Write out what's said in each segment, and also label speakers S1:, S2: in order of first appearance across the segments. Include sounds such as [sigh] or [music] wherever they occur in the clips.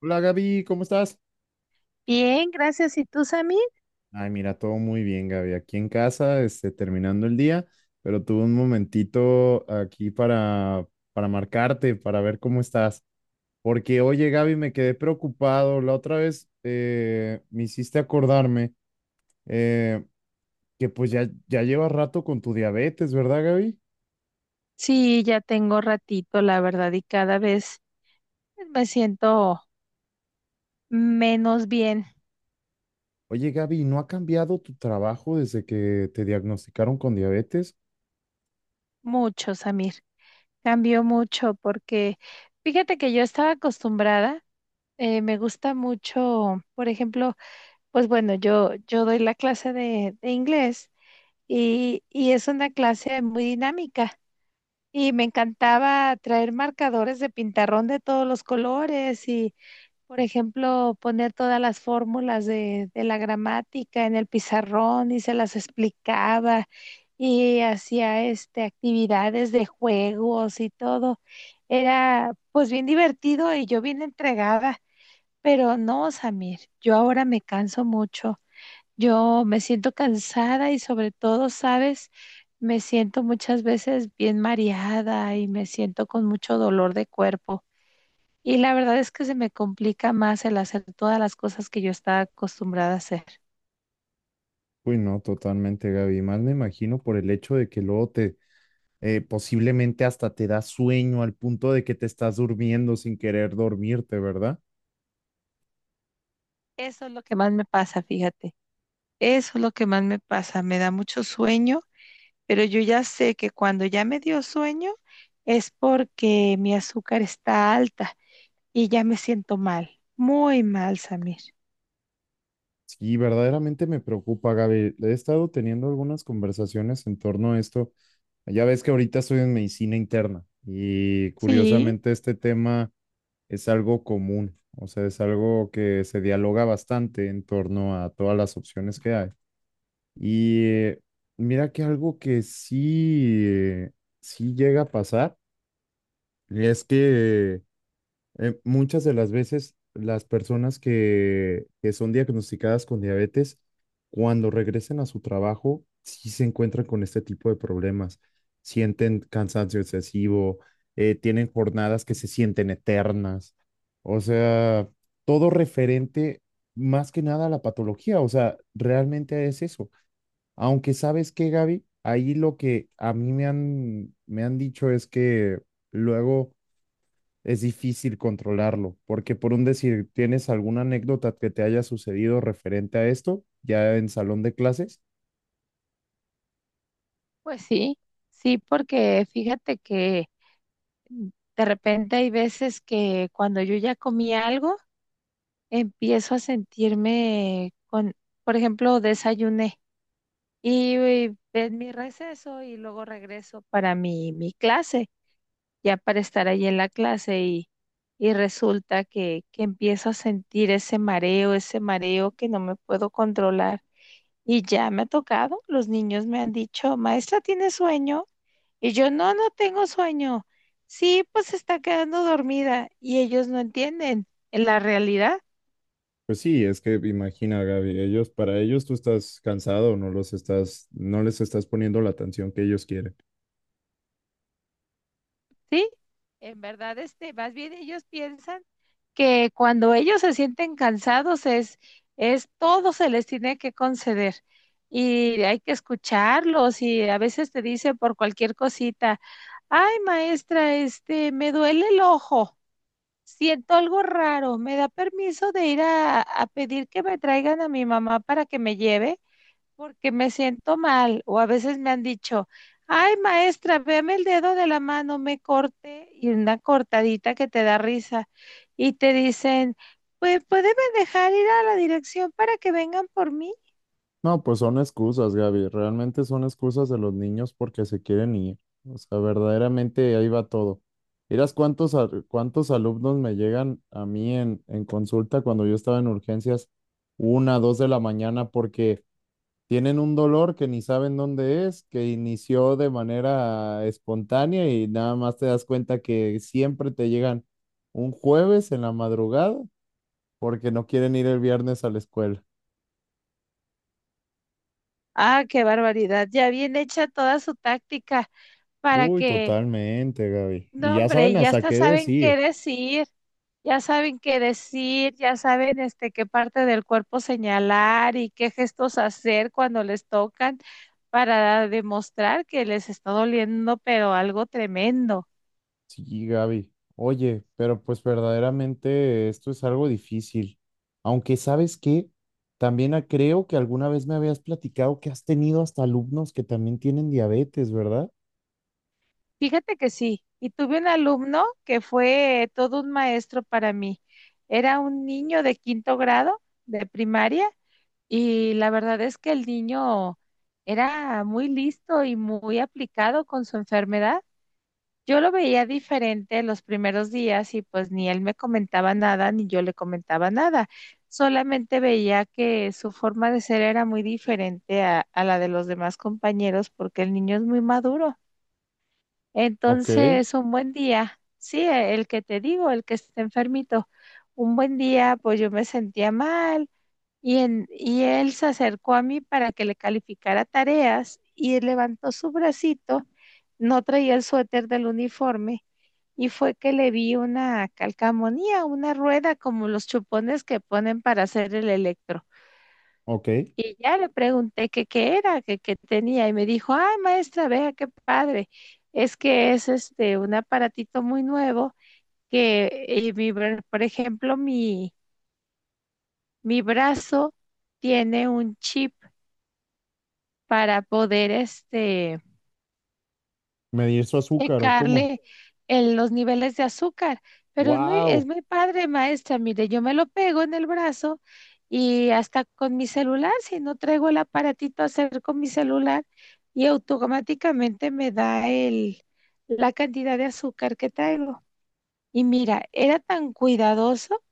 S1: Hola Gaby, ¿cómo estás?
S2: Bien, gracias. ¿Y tú, Sammy?
S1: Ay, mira, todo muy bien, Gaby. Aquí en casa, terminando el día, pero tuve un momentito aquí para marcarte, para ver cómo estás. Porque, oye, Gaby, me quedé preocupado. La otra vez me hiciste acordarme eh, que pues ya llevas rato con tu diabetes, ¿verdad, Gaby?
S2: Sí, ya tengo ratito, la verdad, y cada vez me siento menos bien,
S1: Oye, Gaby, ¿no ha cambiado tu trabajo desde que te diagnosticaron con diabetes?
S2: mucho, Samir. Cambió mucho porque fíjate que yo estaba acostumbrada, me gusta mucho, por ejemplo, pues bueno, yo doy la clase de inglés y es una clase muy dinámica. Y me encantaba traer marcadores de pintarrón de todos los colores y, por ejemplo, poner todas las fórmulas de la gramática en el pizarrón y se las explicaba y hacía este actividades de juegos y todo. Era pues bien divertido y yo bien entregada, pero no, Samir, yo ahora me canso mucho. Yo me siento cansada y sobre todo, ¿sabes? Me siento muchas veces bien mareada y me siento con mucho dolor de cuerpo. Y la verdad es que se me complica más el hacer todas las cosas que yo estaba acostumbrada a hacer.
S1: Uy, no, totalmente, Gaby. Más me imagino por el hecho de que luego te posiblemente hasta te da sueño al punto de que te estás durmiendo sin querer dormirte, ¿verdad?
S2: Eso es lo que más me pasa, fíjate. Eso es lo que más me pasa. Me da mucho sueño, pero yo ya sé que cuando ya me dio sueño es porque mi azúcar está alta y ya me siento mal, muy mal, Samir.
S1: Sí, verdaderamente me preocupa, Gaby. He estado teniendo algunas conversaciones en torno a esto. Ya ves que ahorita estoy en medicina interna y
S2: Sí,
S1: curiosamente este tema es algo común, o sea, es algo que se dialoga bastante en torno a todas las opciones que hay. Y mira que algo que sí, sí llega a pasar es que muchas de las veces las personas que son diagnosticadas con diabetes, cuando regresen a su trabajo, sí se encuentran con este tipo de problemas. Sienten cansancio excesivo, tienen jornadas que se sienten eternas. O sea, todo referente más que nada a la patología. O sea, realmente es eso. Aunque sabes que, Gaby, ahí lo que a mí me han dicho es que luego es difícil controlarlo, porque por un decir, ¿tienes alguna anécdota que te haya sucedido referente a esto ya en salón de clases?
S2: pues sí, sí, porque fíjate que de repente hay veces que cuando yo ya comí algo, empiezo a sentirme con, por ejemplo, desayuné y es mi receso y luego regreso para mi clase, ya para estar ahí en la clase y resulta que empiezo a sentir ese mareo que no me puedo controlar. Y ya me ha tocado, los niños me han dicho, maestra, ¿tiene sueño? Y yo, no, no tengo sueño. Sí, pues se está quedando dormida y ellos no entienden la realidad.
S1: Pues sí, es que imagina, Gaby, ellos, para ellos tú estás cansado, no les estás poniendo la atención que ellos quieren.
S2: Sí, en verdad, este, más bien ellos piensan que cuando ellos se sienten cansados es todo se les tiene que conceder y hay que escucharlos y a veces te dice por cualquier cosita, ay maestra, este, me duele el ojo, siento algo raro, ¿me da permiso de ir a pedir que me traigan a mi mamá para que me lleve? Porque me siento mal, o a veces me han dicho, ay maestra, veme el dedo de la mano, me corté y una cortadita que te da risa y te dicen, pues puede dejar ir a la dirección para que vengan por mí.
S1: No, pues son excusas, Gaby, realmente son excusas de los niños porque se quieren ir. O sea, verdaderamente ahí va todo. Miras cuántos alumnos me llegan a mí en consulta cuando yo estaba en urgencias, una, dos de la mañana, porque tienen un dolor que ni saben dónde es, que inició de manera espontánea y nada más te das cuenta que siempre te llegan un jueves en la madrugada porque no quieren ir el viernes a la escuela.
S2: Ah, qué barbaridad, ya bien hecha toda su táctica para
S1: Uy,
S2: que,
S1: totalmente, Gaby. Y
S2: no
S1: ya saben
S2: hombre, ya
S1: hasta
S2: hasta
S1: qué
S2: saben qué
S1: decir.
S2: decir. Ya saben qué decir, ya saben este qué parte del cuerpo señalar y qué gestos hacer cuando les tocan para demostrar que les está doliendo, pero algo tremendo.
S1: Sí, Gaby. Oye, pero pues verdaderamente esto es algo difícil. Aunque sabes que también creo que alguna vez me habías platicado que has tenido hasta alumnos que también tienen diabetes, ¿verdad?
S2: Fíjate que sí, y tuve un alumno que fue todo un maestro para mí. Era un niño de quinto grado de primaria y la verdad es que el niño era muy listo y muy aplicado con su enfermedad. Yo lo veía diferente los primeros días y pues ni él me comentaba nada ni yo le comentaba nada. Solamente veía que su forma de ser era muy diferente a la de los demás compañeros porque el niño es muy maduro.
S1: Ok.
S2: Entonces, un buen día, sí, el que te digo, el que está enfermito, un buen día, pues yo me sentía mal. Y él se acercó a mí para que le calificara tareas y levantó su bracito, no traía el suéter del uniforme y fue que le vi una calcamonía, una rueda como los chupones que ponen para hacer el electro.
S1: Ok,
S2: Y ya le pregunté que qué era, que qué tenía y me dijo, ay maestra, vea qué padre, es que es este un aparatito muy nuevo que, por ejemplo, mi brazo tiene un chip para poder este,
S1: ¿medir su azúcar o cómo?
S2: checarle los niveles de azúcar. Pero es
S1: ¡Wow!
S2: muy padre, maestra. Mire, yo me lo pego en el brazo y hasta con mi celular, si no traigo el aparatito a hacer con mi celular, y automáticamente me da el, la cantidad de azúcar que traigo. Y mira, era tan cuidadoso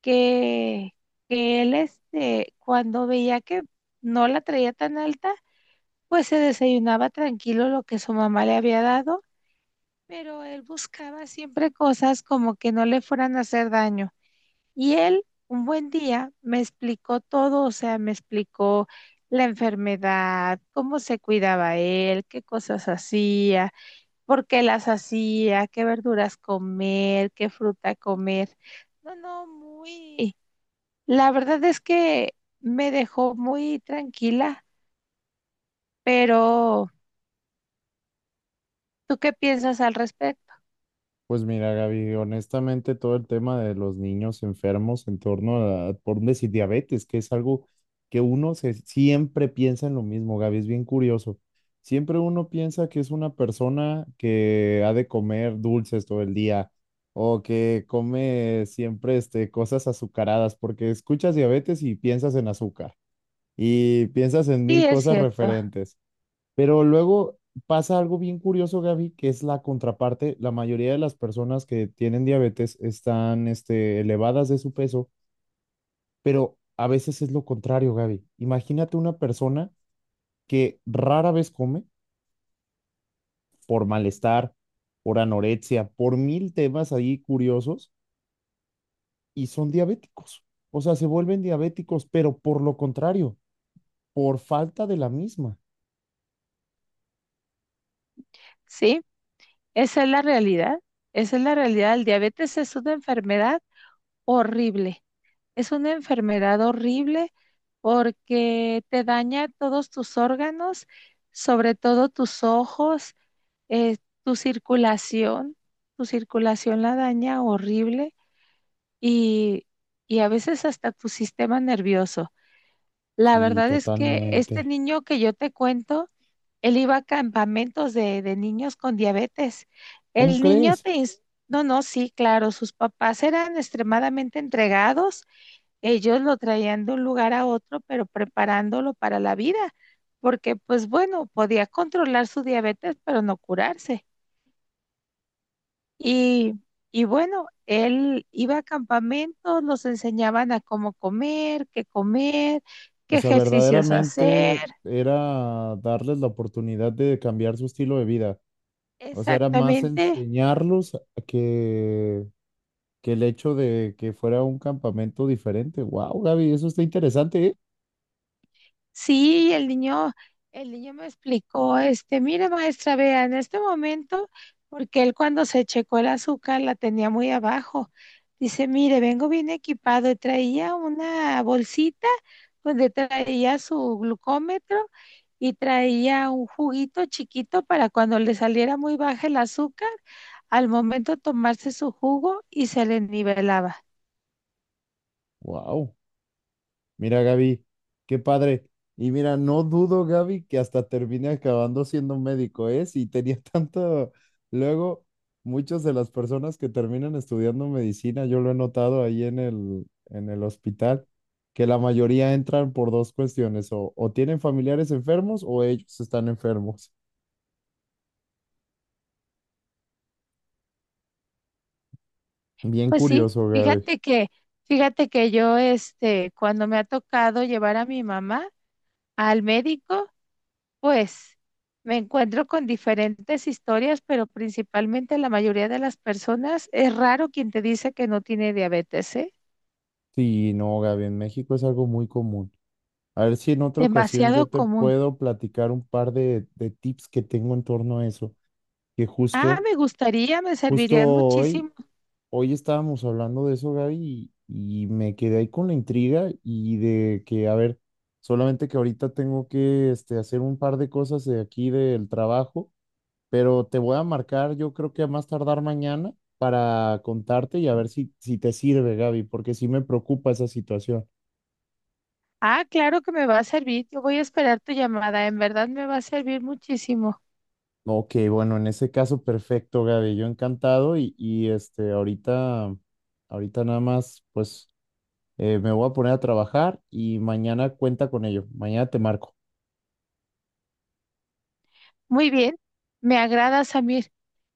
S2: que, que él, este, cuando veía que no la traía tan alta, pues se desayunaba tranquilo lo que su mamá le había dado, pero él buscaba siempre cosas como que no le fueran a hacer daño. Y él, un buen día, me explicó todo, o sea, me explicó la enfermedad, cómo se cuidaba él, qué cosas hacía, por qué las hacía, qué verduras comer, qué fruta comer. No, no, muy... La verdad es que me dejó muy tranquila, pero ¿tú qué piensas al respecto?
S1: Pues mira, Gaby, honestamente todo el tema de los niños enfermos en torno a, por no decir, diabetes, que es algo que siempre piensa en lo mismo, Gaby, es bien curioso. Siempre uno piensa que es una persona que ha de comer dulces todo el día o que come siempre cosas azucaradas, porque escuchas diabetes y piensas en azúcar y piensas en
S2: Sí,
S1: mil
S2: es
S1: cosas
S2: cierto.
S1: referentes. Pero luego pasa algo bien curioso, Gaby, que es la contraparte. La mayoría de las personas que tienen diabetes están, elevadas de su peso, pero a veces es lo contrario, Gaby. Imagínate una persona que rara vez come por malestar, por anorexia, por mil temas ahí curiosos y son diabéticos. O sea, se vuelven diabéticos, pero por lo contrario, por falta de la misma.
S2: Sí, esa es la realidad. Esa es la realidad. El diabetes es una enfermedad horrible. Es una enfermedad horrible porque te daña todos tus órganos, sobre todo tus ojos, eh, tu circulación. Tu circulación la daña horrible y, y a veces hasta tu sistema nervioso. La
S1: Sí,
S2: verdad es que este
S1: totalmente.
S2: niño que yo te cuento, él iba a campamentos de niños con diabetes.
S1: ¿Cómo
S2: El niño
S1: crees?
S2: te... ins- No, no, sí, claro, sus papás eran extremadamente entregados. Ellos lo traían de un lugar a otro, pero preparándolo para la vida, porque pues bueno, podía controlar su diabetes, pero no curarse. Y, y bueno, él iba a campamentos, los enseñaban a cómo comer,
S1: O
S2: qué
S1: sea,
S2: ejercicios hacer.
S1: verdaderamente era darles la oportunidad de cambiar su estilo de vida. O sea, era más
S2: Exactamente.
S1: enseñarlos que, que el hecho de que fuera un campamento diferente. Wow, Gaby, eso está interesante, ¿eh?
S2: Sí, el niño me explicó, este, mire maestra, vea, en este momento, porque él cuando se checó el azúcar la tenía muy abajo, dice, mire, vengo bien equipado y traía una bolsita donde traía su glucómetro y traía un juguito chiquito para cuando le saliera muy baja el azúcar, al momento tomarse su jugo y se le nivelaba.
S1: Wow. Mira, Gaby, qué padre. Y mira, no dudo, Gaby, que hasta termine acabando siendo médico, ¿eh? Si tenía [laughs] tanto... Luego, muchas de las personas que terminan estudiando medicina, yo lo he notado ahí en el hospital, que la mayoría entran por dos cuestiones, o tienen familiares enfermos o ellos están enfermos. [laughs] Bien
S2: Pues sí,
S1: curioso, Gaby.
S2: fíjate que yo, este, cuando me ha tocado llevar a mi mamá al médico, pues me encuentro con diferentes historias, pero principalmente la mayoría de las personas, es raro quien te dice que no tiene diabetes, ¿eh?
S1: Sí, no, Gaby, en México es algo muy común. A ver si en otra ocasión
S2: Demasiado
S1: yo te
S2: común.
S1: puedo platicar un par de tips que tengo en torno a eso. que
S2: Ah,
S1: justo,
S2: me gustaría, me
S1: Justo
S2: servirían
S1: hoy,
S2: muchísimo.
S1: hoy estábamos hablando de eso, Gaby, y me quedé ahí con la intriga y de que, a ver, solamente que ahorita tengo que hacer un par de cosas de aquí del trabajo, pero te voy a marcar, yo creo que a más tardar mañana para contarte y a ver si te sirve, Gaby, porque sí me preocupa esa situación.
S2: Ah, claro que me va a servir. Yo voy a esperar tu llamada. En verdad me va a servir muchísimo.
S1: Ok, bueno, en ese caso, perfecto, Gaby, yo encantado y ahorita nada más, pues... me voy a poner a trabajar y mañana cuenta con ello. Mañana te marco.
S2: Muy bien, me agrada, Samir.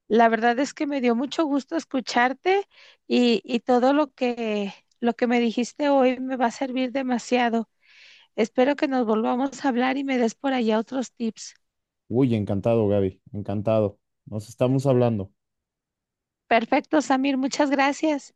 S2: La verdad es que me dio mucho gusto escucharte y todo lo que me dijiste hoy me va a servir demasiado. Espero que nos volvamos a hablar y me des por allá otros tips.
S1: Uy, encantado, Gaby. Encantado. Nos estamos hablando.
S2: Perfecto, Samir, muchas gracias.